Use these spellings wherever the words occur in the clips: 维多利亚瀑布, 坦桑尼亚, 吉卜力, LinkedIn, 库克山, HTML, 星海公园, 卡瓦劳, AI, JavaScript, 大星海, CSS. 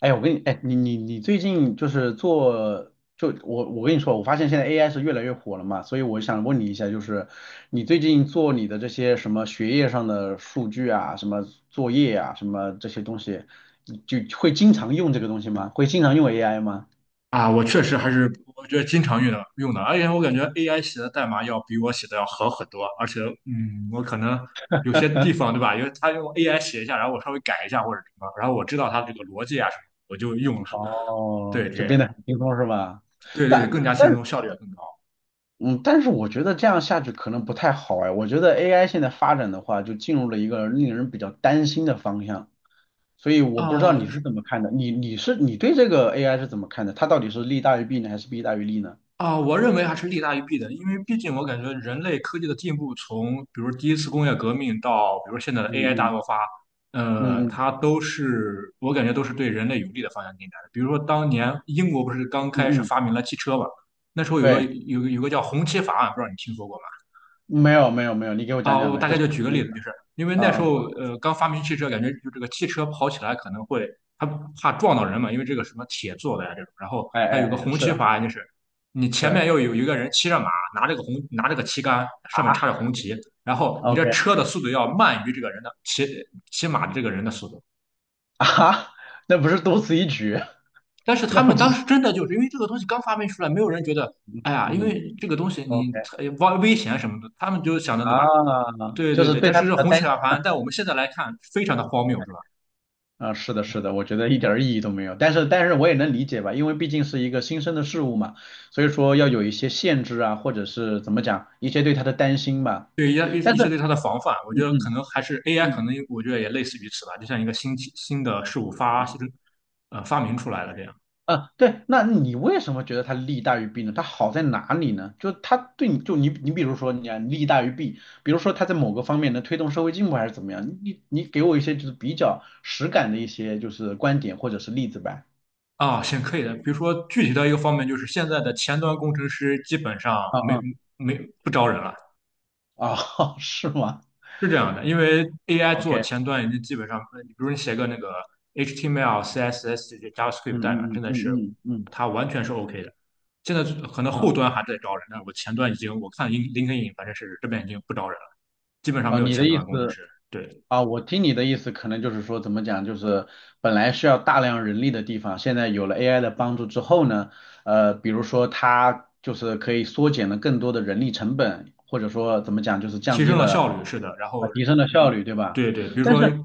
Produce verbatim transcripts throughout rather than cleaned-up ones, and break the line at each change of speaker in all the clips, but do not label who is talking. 哎，我跟你，哎，你你你最近就是做，就我我跟你说，我发现现在 A I 是越来越火了嘛，所以我想问你一下，就是你最近做你的这些什么学业上的数据啊，什么作业啊，什么这些东西，你就会经常用这个东西吗？会经常用 A I 吗？
啊，我确实还是我觉得经常用的用的，而且我感觉 A I 写的代码要比我写的要好很多，而且嗯，我可能有些地方对吧，因为他用 A I 写一下，然后我稍微改一下或者什么，然后我知道它这个逻辑啊什么，我就用了。对，
哦，就
这
变
样，
得很轻松是吧？
对对，
但
更加
但
轻
是
松，效率也更高。
嗯，但是我觉得这样下去可能不太好哎，我觉得 A I 现在发展的话，就进入了一个令人比较担心的方向。所以我不知道你
啊、
是怎么看的，你你是你对这个 A I 是怎么看的？它到底是利大于弊呢，还是弊大于利呢？
啊，我认为还是利大于弊的，因为毕竟我感觉人类科技的进步，从比如第一次工业革命到比如现在的
嗯
A I 大
嗯
爆发，呃，
嗯嗯
它都是我感觉都是对人类有利的方向进展的。比如说当年英国不是刚
嗯
开始
嗯，
发明了汽车嘛，那时候有个
对，
有个有个叫红旗法案，不知道你听说过吗？
没有没有没有，你给我讲
啊，
讲
我
呗，
大
这
概
是
就举
什
个
么
例
意思？
子，就是因为
啊
那时
啊，
候呃刚发明汽车，感觉就这个汽车跑起来可能会它怕撞到人嘛，因为这个什么铁做的呀这种，然后
哎
它
哎
有个
哎，
红
是
旗法，就是你前面
是
要有一个人骑着马，拿着个红拿着个旗杆，上面插着
啊
红旗，然后你
，OK
这车的速度要慢于这个人的骑骑马的这个人的速度。
啊，那不是多此一举，
但是 他
那我
们当
只
时真的就是因为这个东西刚发明出来，没有人觉得哎呀，因
嗯
为这个东西
OK
你呃危危险什么的，他们就想着
啊，
对吧？对
就
对
是
对，
对
但
他
是
比
这
较
红
担。
血小盘在我们现在来看非常的荒谬，是吧？
啊，是的，是的，我觉得一点儿意义都没有。但是，但是我也能理解吧，因为毕竟是一个新生的事物嘛，所以说要有一些限制啊，或者是怎么讲，一些对他的担心吧。
对一些
但
一
是，
些对它的防范，我觉
嗯
得可
嗯
能还是 A I,可
嗯，
能我觉得也类似于此吧，就像一个新奇新的事物发新呃发明出来了这样。
啊，对，那你为什么觉得它利大于弊呢？它好在哪里呢？就它对你，就你，你比如说你啊，利大于弊，比如说它在某个方面能推动社会进步还是怎么样？你你给我一些就是比较实感的一些就是观点或者是例子吧。
啊，行可以的。比如说具体的一个方面，就是现在的前端工程师基本上
啊
没
啊
没不招人了，
啊，是吗
是这样的，因为 A I 做
？OK。
前端已经基本上，呃比如你写个那个 H T M L、C S S 这些 JavaScript
嗯
代码，
嗯嗯
真的是
嗯嗯嗯，
它完全是 OK 的。现在可能后
好
端还在招人，但我前端已经，我看 Lin- l k i n 反正是这边已经不招人了，基本上
啊，
没有
你的
前
意
端工程
思
师。对，
啊，我听你的意思，可能就是说怎么讲，就是本来需要大量人力的地方，现在有了 A I 的帮助之后呢，呃，比如说它就是可以缩减了更多的人力成本，或者说怎么讲，就是降
提
低
升了
了
效率，是的。然后，
啊，提升了效
嗯，
率，对吧？
对对，比如
但
说。
是，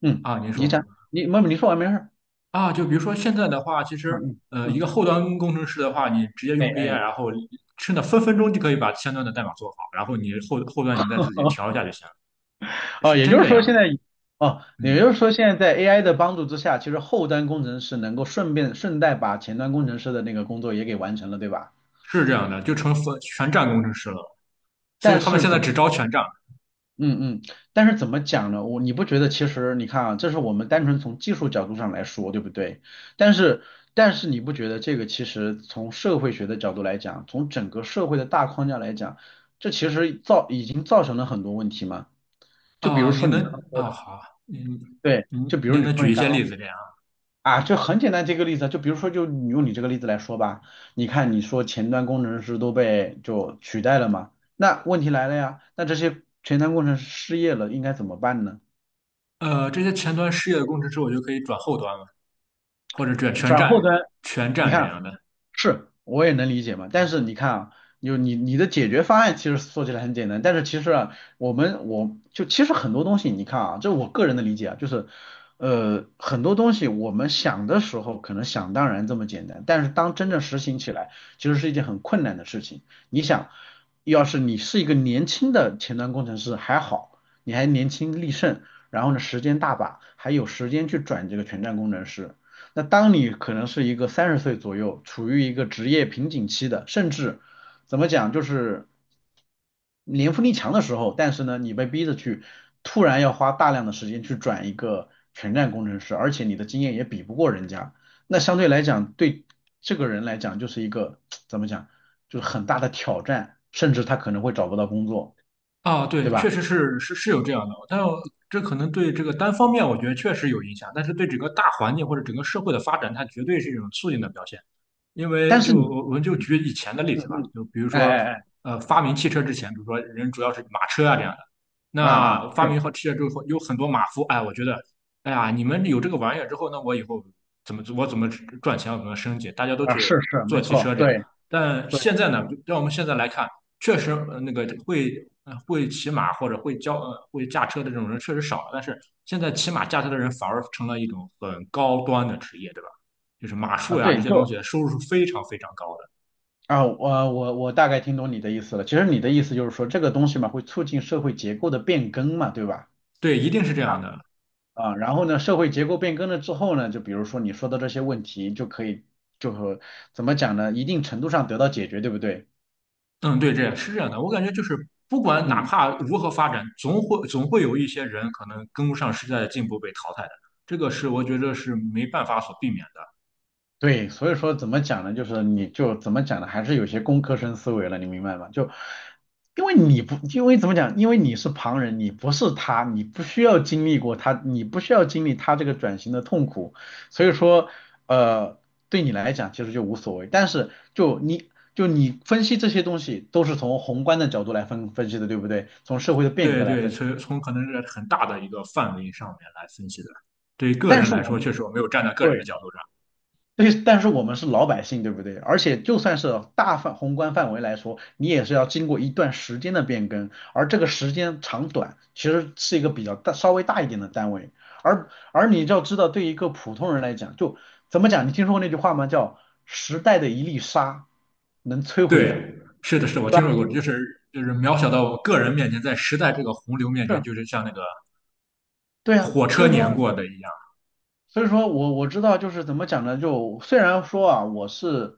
嗯，
啊，您说。
你讲，你，妹妹，你说完没事儿？
啊，就比如说现在的话，其实
嗯嗯
呃，一个
嗯，
后端工程师的话，你直接
哎
用 A I,
哎。
然后真的分分钟就可以把前端的代码做好，然后你后后端你再自己调一下就行了，是
哦，也
真
就是
这
说现
样？
在，哦，也
嗯，
就是说现在在 A I 的帮助之下，其实后端工程师能够顺便顺带把前端工程师的那个工作也给完成了，对吧？
是这样的，就成分全站工程师了，所以
但
他们
是
现在
怎么，
只招全站。
嗯嗯，但是怎么讲呢？我你不觉得其实你看啊，这是我们单纯从技术角度上来说，对不对？但是但是你不觉得这个其实从社会学的角度来讲，从整个社会的大框架来讲，这其实造已经造成了很多问题吗？就比
啊，
如
您
说你
能
刚刚说
啊，
的，
好，您
对，就
您
比如
您
你
能
说
举
你
一
刚。
些例
刚。
子这样？
啊，就很简单，这个例子，就比如说，就你用你这个例子来说吧，你看你说前端工程师都被就取代了嘛，那问题来了呀，那这些前端工程师失业了应该怎么办呢？
呃，这些前端失业的工程师，我就可以转后端了，或者转全
转
站
后端，
全
你
站这
看。
样的。
是，我也能理解嘛。但是你看啊，有你你的解决方案其实说起来很简单，但是其实啊，我们我就其实很多东西，你看啊，这我个人的理解啊，就是呃很多东西我们想的时候可能想当然这么简单，但是当真正实行起来，其实是一件很困难的事情。你想，要是你是一个年轻的前端工程师还好，你还年轻力盛，然后呢时间大把，还有时间去转这个全栈工程师。那当你可能是一个三十岁左右，处于一个职业瓶颈期的，甚至怎么讲，就是年富力强的时候，但是呢，你被逼着去突然要花大量的时间去转一个全站工程师，而且你的经验也比不过人家，那相对来讲，对这个人来讲就是一个 怎么讲，就是很大的挑战，甚至他可能会找不到工作，
啊，
对
对，
吧？
确实是是是有这样的，但这可能对这个单方面，我觉得确实有影响，但是对整个大环境或者整个社会的发展，它绝对是一种促进的表现。因
但
为
是
就
你，
我们就举以前的例
嗯
子吧，
嗯，
就比如
哎
说，
哎
呃，发明汽车之前，比如说人主要是马车啊这样的，
哎，啊啊
那发
是
明好汽车之后，有很多马夫，哎，我觉得，哎呀，你们有这个玩意儿之后，那我以后怎么我怎么赚钱，我怎么升级，大家都
啊
去
是是，
做
没
汽车
错，
这样。
对
但
对
现在呢，就让我们现在来看。确实呃那个会呃会骑马或者会教呃会驾车的这种人确实少了，但是现在骑马驾车的人反而成了一种很高端的职业，对吧？就是马
啊
术呀这
对，
些东
就。
西收入是非常非常高的。
啊，我我我大概听懂你的意思了。其实你的意思就是说，这个东西嘛，会促进社会结构的变更嘛，对吧？
对，一定是这样的。
啊，然后呢，社会结构变更了之后呢，就比如说你说的这些问题，就可以就和怎么讲呢，一定程度上得到解决，对不对？
嗯，对，这样是这样的。我感觉就是不管哪
嗯，
怕如何发展，总会总会有一些人可能跟不上时代的进步被淘汰的，这个是我觉得是没办法所避免的。
对，所以说怎么讲呢？就是你就怎么讲呢？还是有些工科生思维了，你明白吗？就因为你不，因为怎么讲？因为你是旁人，你不是他，你不需要经历过他，你不需要经历他这个转型的痛苦，所以说，呃，对你来讲其实就无所谓。但是就你就你分析这些东西都是从宏观的角度来分分析的，对不对？从社会的变
对
革来
对，
分析。
从从可能是很大的一个范围上面来分析的。对于个
但
人
是
来
我
说，
们
确实我没有站在个人的
对。
角度上。
对，但是我们是老百姓，对不对？而且就算是大范宏观范围来说，你也是要经过一段时间的变更，而这个时间长短其实是一个比较大、稍微大一点的单位。而而你要知道，对一个普通人来讲，就怎么讲？你听说过那句话吗？叫"时代的一粒沙能摧毁"，
对，是的，是的我
对
听
吧？
说过，就是就是渺小到我个人面前，在时代这个洪流面前，
是，
就是像那个
对啊。
火
所
车
以
碾
说。
过的一样。
所以说我我知道就是怎么讲呢，就虽然说啊，我是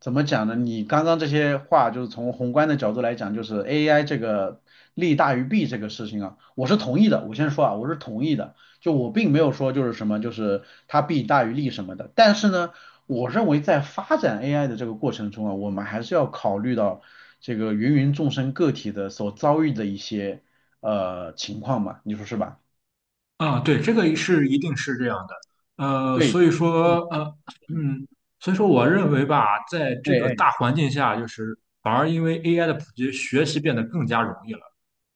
怎么讲呢？你刚刚这些话就是从宏观的角度来讲，就是 A I 这个利大于弊这个事情啊，我是同意的。我先说啊，我是同意的，就我并没有说就是什么就是它弊大于利什么的。但是呢，我认为在发展 A I 的这个过程中啊，我们还是要考虑到这个芸芸众生个体的所遭遇的一些呃情况嘛，你说是吧？
啊，对，这个是一定是这样的，呃，
对，
所以说，
嗯，
呃，
嗯
嗯，所以说，我认为吧，在
哎
这个
哎。
大环境下，就是反而因为 A I 的普及，学习变得更加容易了。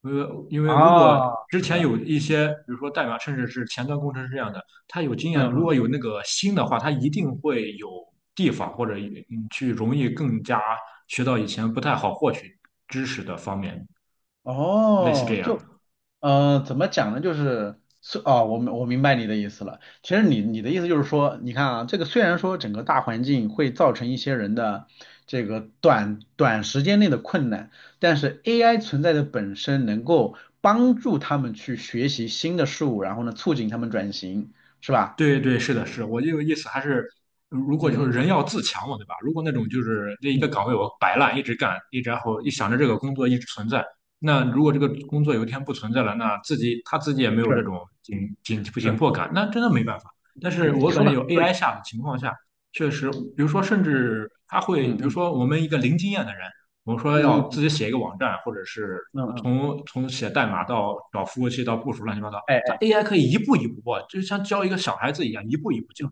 呃，因为如果
啊，
之
是
前
的，
有一
嗯
些，比如说代码，甚至是前端工程师这样的，他有经验，
嗯
如果
嗯，
有那个心的话，他一定会有地方或者嗯去容易更加学到以前不太好获取知识的方面，类似这
哦，
样。
就呃，怎么讲呢？就是是哦，我明我明白你的意思了。其实你你的意思就是说，你看啊，这个虽然说整个大环境会造成一些人的这个短短时间内的困难，但是 A I 存在的本身能够帮助他们去学习新的事物，然后呢，促进他们转型，是吧？
对对，是的，是我这个意思。还是，如果
嗯
就是
嗯
人要自强嘛，对吧？如果那种就是那一个
嗯
岗位我摆烂一直干，一直然后
嗯，
一
嗯
想着这个工作一直存在，那如果这个工作有一天不存在了，那自己他自己也没有这
是
种紧紧紧
是，
迫感，那真的没办法。但
嗯，
是
你
我感
说
觉
的很
有
对，
A I 下的情况下，确实，
嗯
比如说甚至他会，比
嗯
如
嗯
说我们一个零经验的人，我们说
嗯
要
嗯
自己写一个网站，或者是
嗯嗯，嗯
从从写代码到找服务器到部署乱七八糟。
哎
它
哎。
A I 可以一步一步过，就是像教一个小孩子一样，一步一步教，
嗯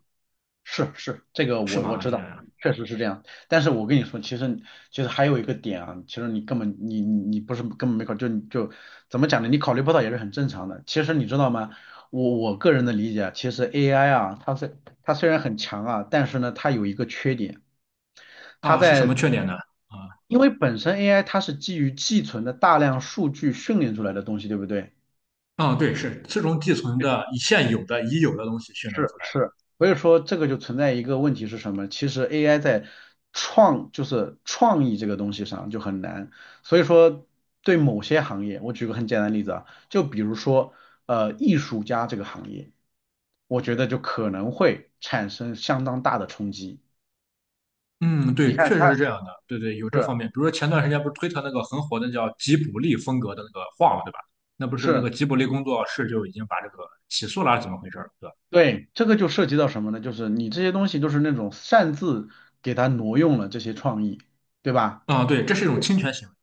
是是，这个
是
我
吗？
我
啊，
知
这样
道，
呀。
确实是这样。但是我跟你说，其实其实还有一个点啊，其实你根本你你你不是根本没考，就就怎么讲呢？你考虑不到也是很正常的。其实你知道吗？我我个人的理解啊，其实 A I 啊，它虽它虽然很强啊，但是呢，它有一个缺点，它
啊，是什么
在
缺点呢？啊
因为本身 A I 它是基于寄存的大量数据训练出来的东西，对不对？
啊，对，是自从寄存的现有的已有的东西训练
是
出来的。
是，所以说这个就存在一个问题是什么？其实 A I 在创就是创意这个东西上就很难，所以说对某些行业，我举个很简单的例子啊，就比如说呃艺术家这个行业，我觉得就可能会产生相当大的冲击。
嗯，
你
对，
看
确实是
它
这样的。对对，有这方
是
面。比如说前段时间不是推特那个很火的叫吉卜力风格的那个画嘛，对吧？那不是那个
是
吉卜力工作室就已经把这个起诉了，还是怎么回事儿？对吧？
对，这个就涉及到什么呢？就是你这些东西都是那种擅自给它挪用了这些创意，对吧？
啊，对，这是一种侵权行为。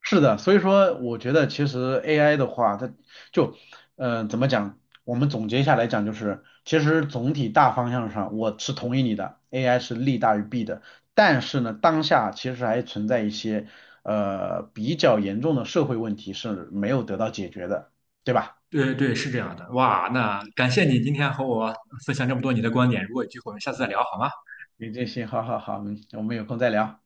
是的，所以说我觉得其实 A I 的话，它就，嗯怎么讲？我们总结下来讲就是，其实总体大方向上我是同意你的，A I 是利大于弊的。但是呢，当下其实还存在一些呃比较严重的社会问题是没有得到解决的，对吧？
对对，是这样的。哇，那感谢你今天和我分享这么多你的观点。如果有机会，我们下次再聊好吗？
你这些，好好好，我们我们有空再聊。